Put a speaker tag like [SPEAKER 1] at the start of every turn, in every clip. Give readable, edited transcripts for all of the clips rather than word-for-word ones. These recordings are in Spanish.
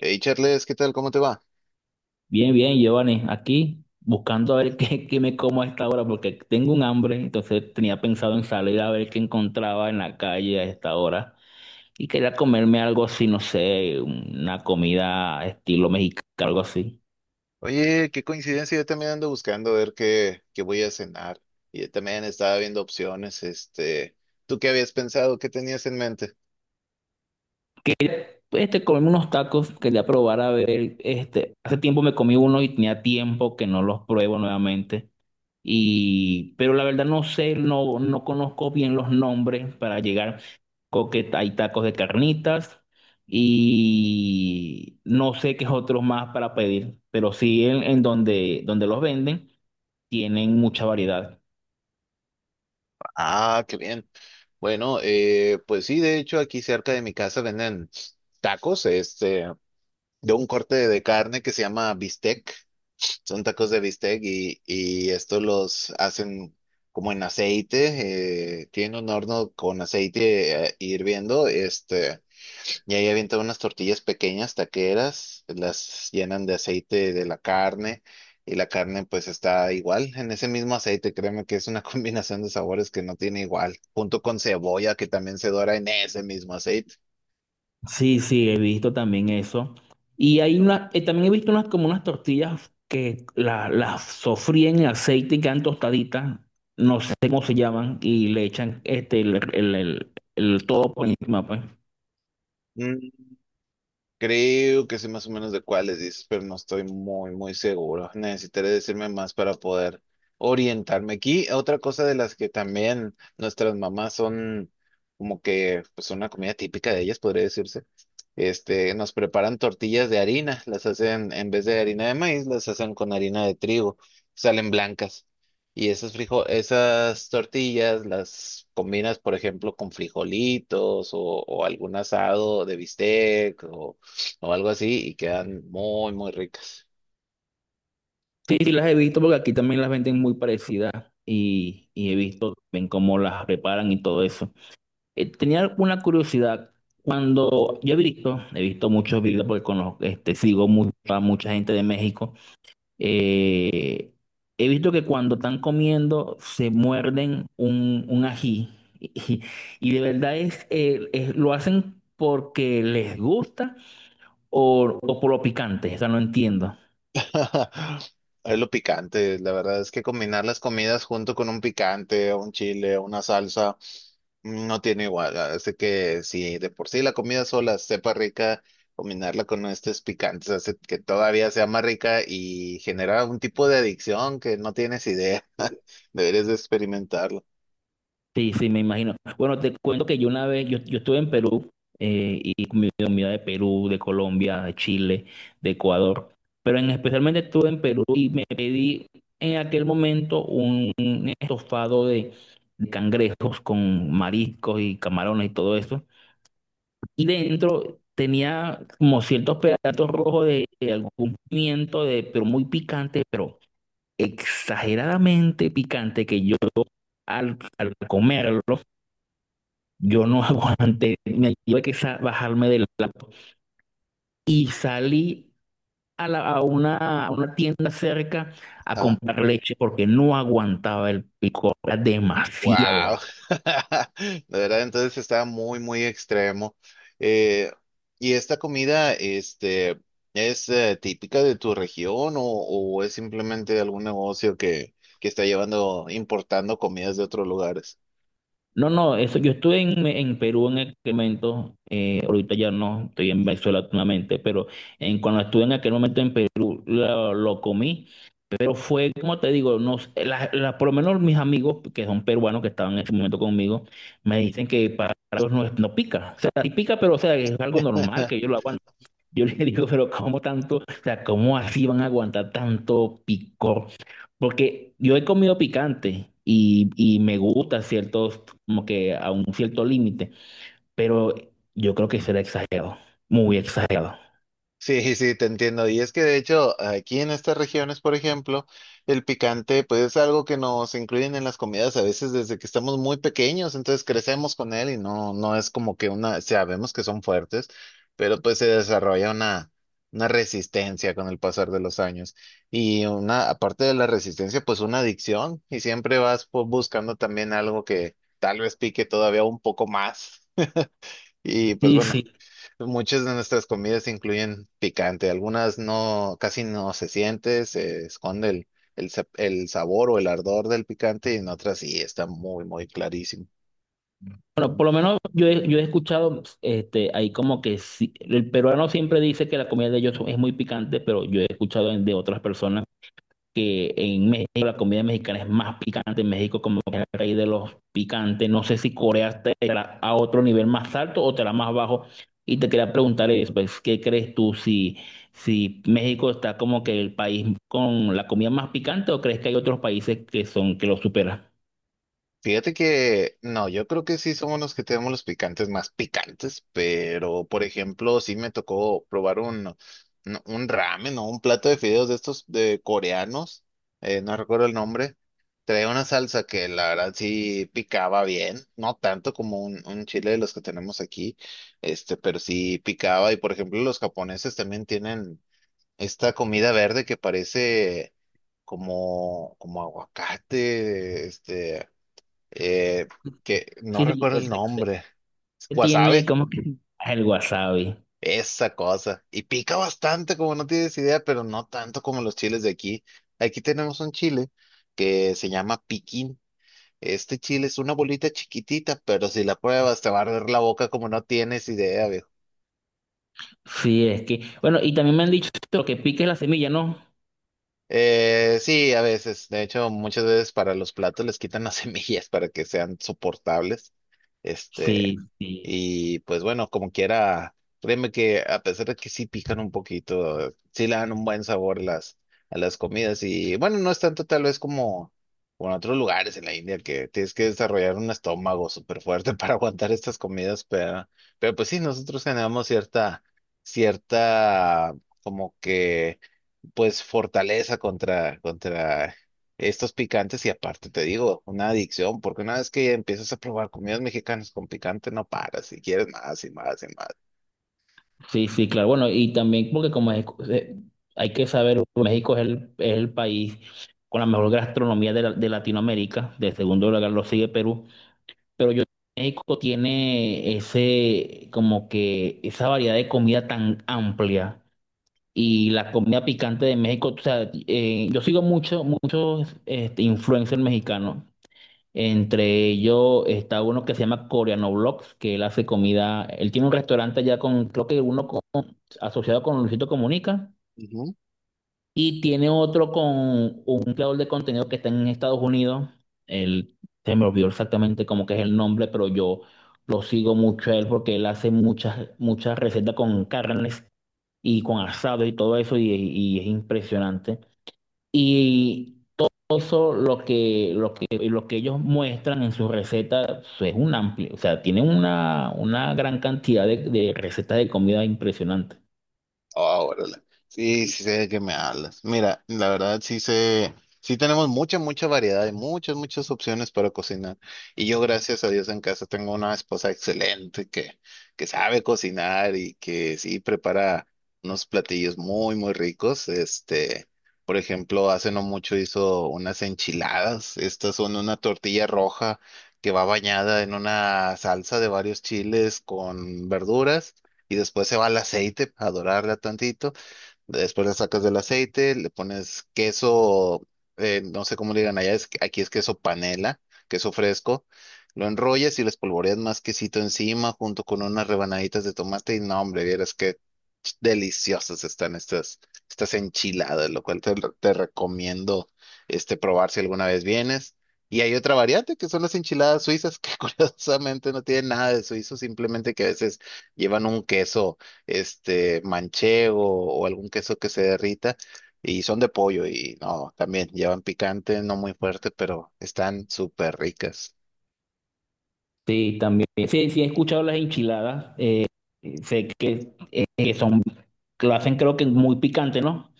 [SPEAKER 1] Hey Charles, ¿qué tal? ¿Cómo te va?
[SPEAKER 2] Bien, bien, Giovanni, aquí buscando a ver qué me como a esta hora porque tengo un hambre. Entonces tenía pensado en salir a ver qué encontraba en la calle a esta hora y quería comerme algo así, no sé, una comida estilo mexicano, algo así.
[SPEAKER 1] Oye, qué coincidencia, yo también ando buscando ver qué voy a cenar. Y yo también estaba viendo opciones, ¿tú qué habías pensado? ¿Qué tenías en mente?
[SPEAKER 2] Pues, comerme unos tacos. Quería probar a ver, hace tiempo me comí uno y tenía tiempo que no los pruebo nuevamente. Y pero la verdad no sé, no conozco bien los nombres para llegar. Que hay tacos de carnitas y no sé qué otros más para pedir, pero sí en donde, donde los venden tienen mucha variedad.
[SPEAKER 1] Ah, qué bien. Bueno, pues sí, de hecho aquí cerca de mi casa venden tacos, de un corte de carne que se llama bistec. Son tacos de bistec y estos los hacen como en aceite, tienen un horno con aceite hirviendo, Y ahí avientan unas tortillas pequeñas, taqueras, las llenan de aceite de la carne y la carne pues está igual en ese mismo aceite. Créeme que es una combinación de sabores que no tiene igual, junto con cebolla que también se dora en ese mismo aceite.
[SPEAKER 2] Sí, sí, he visto también eso. Y hay una, también he visto unas como unas tortillas que las sofríen en aceite y quedan tostaditas, no sé cómo se llaman, y le echan este, el todo por encima, pues.
[SPEAKER 1] Creo que sé más o menos de cuáles dices, pero no estoy muy seguro. Necesitaré decirme más para poder orientarme. Aquí, otra cosa de las que también nuestras mamás son como que, pues una comida típica de ellas, podría decirse. Nos preparan tortillas de harina, las hacen, en vez de harina de maíz, las hacen con harina de trigo, salen blancas. Y esas tortillas las combinas, por ejemplo, con frijolitos o algún asado de bistec o algo así y quedan muy ricas.
[SPEAKER 2] Sí, sí, las he visto porque aquí también las venden muy parecidas y he visto ven cómo las preparan y todo eso. Tenía una curiosidad. Cuando yo he visto muchos videos porque conozco, este, sigo mucho a mucha gente de México. eh, He visto que cuando están comiendo se muerden un ají y, y de verdad es, lo hacen porque les gusta o por lo picante. Esa no entiendo.
[SPEAKER 1] Es lo picante, la verdad es que combinar las comidas junto con un picante, un chile, una salsa, no tiene igual. Hace que si de por sí la comida sola sepa rica, combinarla con estos picantes hace que todavía sea más rica y genera un tipo de adicción que no tienes idea. Deberías de experimentarlo.
[SPEAKER 2] Sí, sí, me imagino. Bueno, te cuento que yo una vez, yo estuve en Perú, y comí comida de Perú, de Colombia, de Chile, de Ecuador, pero en, especialmente estuve en Perú y me pedí en aquel momento un estofado de cangrejos con mariscos y camarones y todo eso. Y dentro tenía como ciertos pedazos rojos de algún pimiento, de, pero muy picante, pero exageradamente picante que yo al comerlo yo no aguanté. Me tuve que bajarme del auto y salí a, a una tienda cerca a comprar leche porque no aguantaba el picor, era demasiado.
[SPEAKER 1] Wow, de verdad, entonces está muy extremo. Eh, ¿Y esta comida, es típica de tu región o es simplemente algún negocio que está llevando, importando comidas de otros lugares?
[SPEAKER 2] No, no, eso, yo estuve en Perú en aquel momento. Eh, ahorita ya no, estoy en Venezuela actualmente, pero en, cuando estuve en aquel momento en Perú lo comí, pero fue, como te digo, no sé, por lo menos mis amigos que son peruanos que estaban en ese momento conmigo, me dicen que para ellos no, no pica, o sea, sí pica, pero o sea, es algo normal que yo lo aguantan. Yo le digo, pero ¿cómo tanto? O sea, ¿cómo así van a aguantar tanto picor? Porque yo he comido picante y me gusta ciertos, como que a un cierto límite, pero yo creo que será exagerado, muy exagerado.
[SPEAKER 1] Sí, sí, te entiendo. Y es que de hecho, aquí en estas regiones, por ejemplo, el picante, pues es algo que nos incluyen en las comidas a veces desde que estamos muy pequeños, entonces crecemos con él y no, no es como que una, sabemos que son fuertes, pero pues se desarrolla una resistencia con el pasar de los años. Y una, aparte de la resistencia, pues una adicción, y siempre vas pues, buscando también algo que tal vez pique todavía un poco más. Y pues
[SPEAKER 2] Sí,
[SPEAKER 1] bueno.
[SPEAKER 2] sí.
[SPEAKER 1] Muchas de nuestras comidas incluyen picante, algunas no, casi no se siente, se esconde el sabor o el ardor del picante y en otras sí está muy clarísimo.
[SPEAKER 2] Bueno, por lo menos yo he escuchado, este, ahí como que sí, el peruano siempre dice que la comida de ellos es muy picante, pero yo he escuchado de otras personas que en México la comida mexicana es más picante, en México como que es el rey de los picantes. No sé si Corea te la a otro nivel más alto o te la más bajo, y te quería preguntar eso, pues. ¿Qué crees tú si, si México está como que el país con la comida más picante, o crees que hay otros países que son, que lo superan?
[SPEAKER 1] Fíjate que no, yo creo que sí somos los que tenemos los picantes más picantes, pero por ejemplo, sí me tocó probar un ramen o un plato de fideos de estos de coreanos, no recuerdo el nombre. Traía una salsa que la verdad sí picaba bien, no tanto como un chile de los que tenemos aquí, pero sí picaba. Y por ejemplo, los japoneses también tienen esta comida verde que parece como aguacate, eh, que no
[SPEAKER 2] Sí, sí,
[SPEAKER 1] recuerdo
[SPEAKER 2] el
[SPEAKER 1] el
[SPEAKER 2] sexo
[SPEAKER 1] nombre,
[SPEAKER 2] tiene
[SPEAKER 1] wasabi,
[SPEAKER 2] como que el wasabi.
[SPEAKER 1] esa cosa. Y pica bastante, como no tienes idea, pero no tanto como los chiles de aquí. Aquí tenemos un chile que se llama piquín. Este chile es una bolita chiquitita, pero si la pruebas te va a arder la boca como no tienes idea.
[SPEAKER 2] Sí, es que, bueno, y también me han dicho que lo que pique es la semilla, ¿no?
[SPEAKER 1] Sí, a veces. De hecho, muchas veces para los platos les quitan las semillas para que sean soportables.
[SPEAKER 2] Sí,
[SPEAKER 1] Este,
[SPEAKER 2] sí.
[SPEAKER 1] y pues bueno, como quiera, créeme que a pesar de que sí pican un poquito, sí le dan un buen sabor las, a las comidas. Y bueno, no es tanto tal vez como, como en otros lugares en la India que tienes que desarrollar un estómago súper fuerte para aguantar estas comidas, pero pues sí, nosotros generamos cierta, cierta, como que pues fortaleza contra estos picantes y aparte te digo, una adicción, porque una vez que empiezas a probar comidas mexicanas con picante no paras y quieres más y más y más.
[SPEAKER 2] Sí, sí, claro. Bueno, y también porque como eh, hay que saber, México es el país con la mejor gastronomía de, de Latinoamérica. De segundo lugar lo sigue Perú, pero yo México tiene ese, como que esa variedad de comida tan amplia y la comida picante de México, o sea, yo sigo mucho, muchos este, influencers mexicanos. Entre ellos está uno que se llama Coreano Vlogs, que él hace comida. Él tiene un restaurante allá con, creo que uno asociado con Luisito Comunica. Y tiene otro con un creador de contenido que está en Estados Unidos. Él, Se me olvidó exactamente cómo que es el nombre, pero yo lo sigo mucho a él porque él hace muchas, muchas recetas con carnes y con asado y todo eso y es impresionante. Y eso lo que, lo que ellos muestran en sus recetas es un amplio, o sea, tienen una gran cantidad de recetas de comida impresionante.
[SPEAKER 1] Oh, órale. Sí, sí sé de qué me hablas. Mira, la verdad sí sé, sí tenemos mucha variedad y muchas opciones para cocinar. Y yo, gracias a Dios, en casa tengo una esposa excelente que sabe cocinar y que sí prepara unos platillos muy ricos. Por ejemplo, hace no mucho hizo unas enchiladas. Estas son una tortilla roja que va bañada en una salsa de varios chiles con verduras y después se va al aceite a dorarla tantito. Después la sacas del aceite, le pones queso, no sé cómo le digan allá, es, aquí es queso panela, queso fresco. Lo enrollas y le espolvoreas más quesito encima junto con unas rebanaditas de tomate y no, hombre, vieras que deliciosas están estas enchiladas, lo cual te recomiendo probar si alguna vez vienes. Y hay otra variante que son las enchiladas suizas, que curiosamente no tienen nada de suizo, simplemente que a veces llevan un queso manchego o algún queso que se derrita y son de pollo y no, también llevan picante, no muy fuerte, pero están súper ricas.
[SPEAKER 2] Sí, también. Sí, sí, he escuchado las enchiladas. Sé que son, que lo hacen creo que muy picante, ¿no?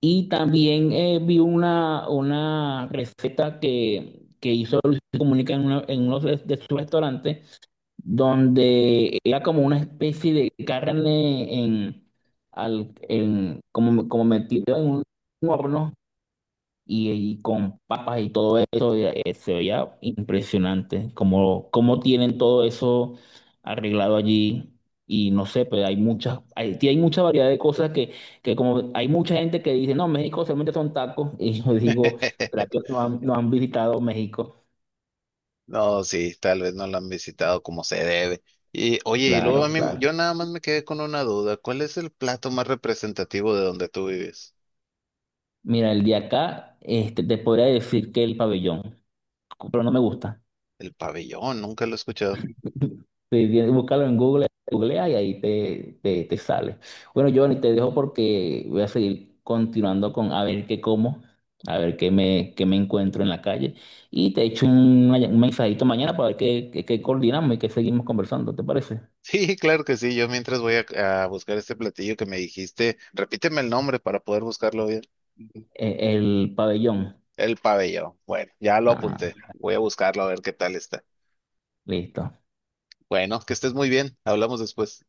[SPEAKER 2] Y también vi una receta que hizo Luis Comunica en uno de sus restaurantes, donde era como una especie de carne en, al, en, como, como metido en un horno y con papas y todo eso. Y, se veía impresionante cómo, cómo tienen todo eso arreglado allí. Y no sé, pero hay muchas, hay, sí hay mucha variedad de cosas que como hay mucha gente que dice, no, México solamente son tacos y yo digo, ¿será que no han, no han visitado México?
[SPEAKER 1] No, sí, tal vez no la han visitado como se debe. Y oye, y luego a
[SPEAKER 2] Claro,
[SPEAKER 1] mí,
[SPEAKER 2] claro.
[SPEAKER 1] yo nada más me quedé con una duda. ¿Cuál es el plato más representativo de donde tú vives?
[SPEAKER 2] Mira, el de acá, este, te podría decir que el pabellón, pero no me gusta.
[SPEAKER 1] El pabellón, nunca lo he escuchado.
[SPEAKER 2] Sí, bien, búscalo en Google, googlea y ahí te, te sale. Bueno, Giovanni, te dejo porque voy a seguir continuando con a ver qué como, a ver qué me encuentro en la calle. Y te echo un mensajito mañana para ver qué, qué coordinamos y qué seguimos conversando, ¿te parece?
[SPEAKER 1] Sí, claro que sí. Yo mientras voy a buscar este platillo que me dijiste, repíteme el nombre para poder buscarlo bien.
[SPEAKER 2] El pabellón.
[SPEAKER 1] El pabellón. Bueno, ya lo
[SPEAKER 2] Ah,
[SPEAKER 1] apunté. Voy a buscarlo a ver qué tal está.
[SPEAKER 2] listo.
[SPEAKER 1] Bueno, que estés muy bien. Hablamos después.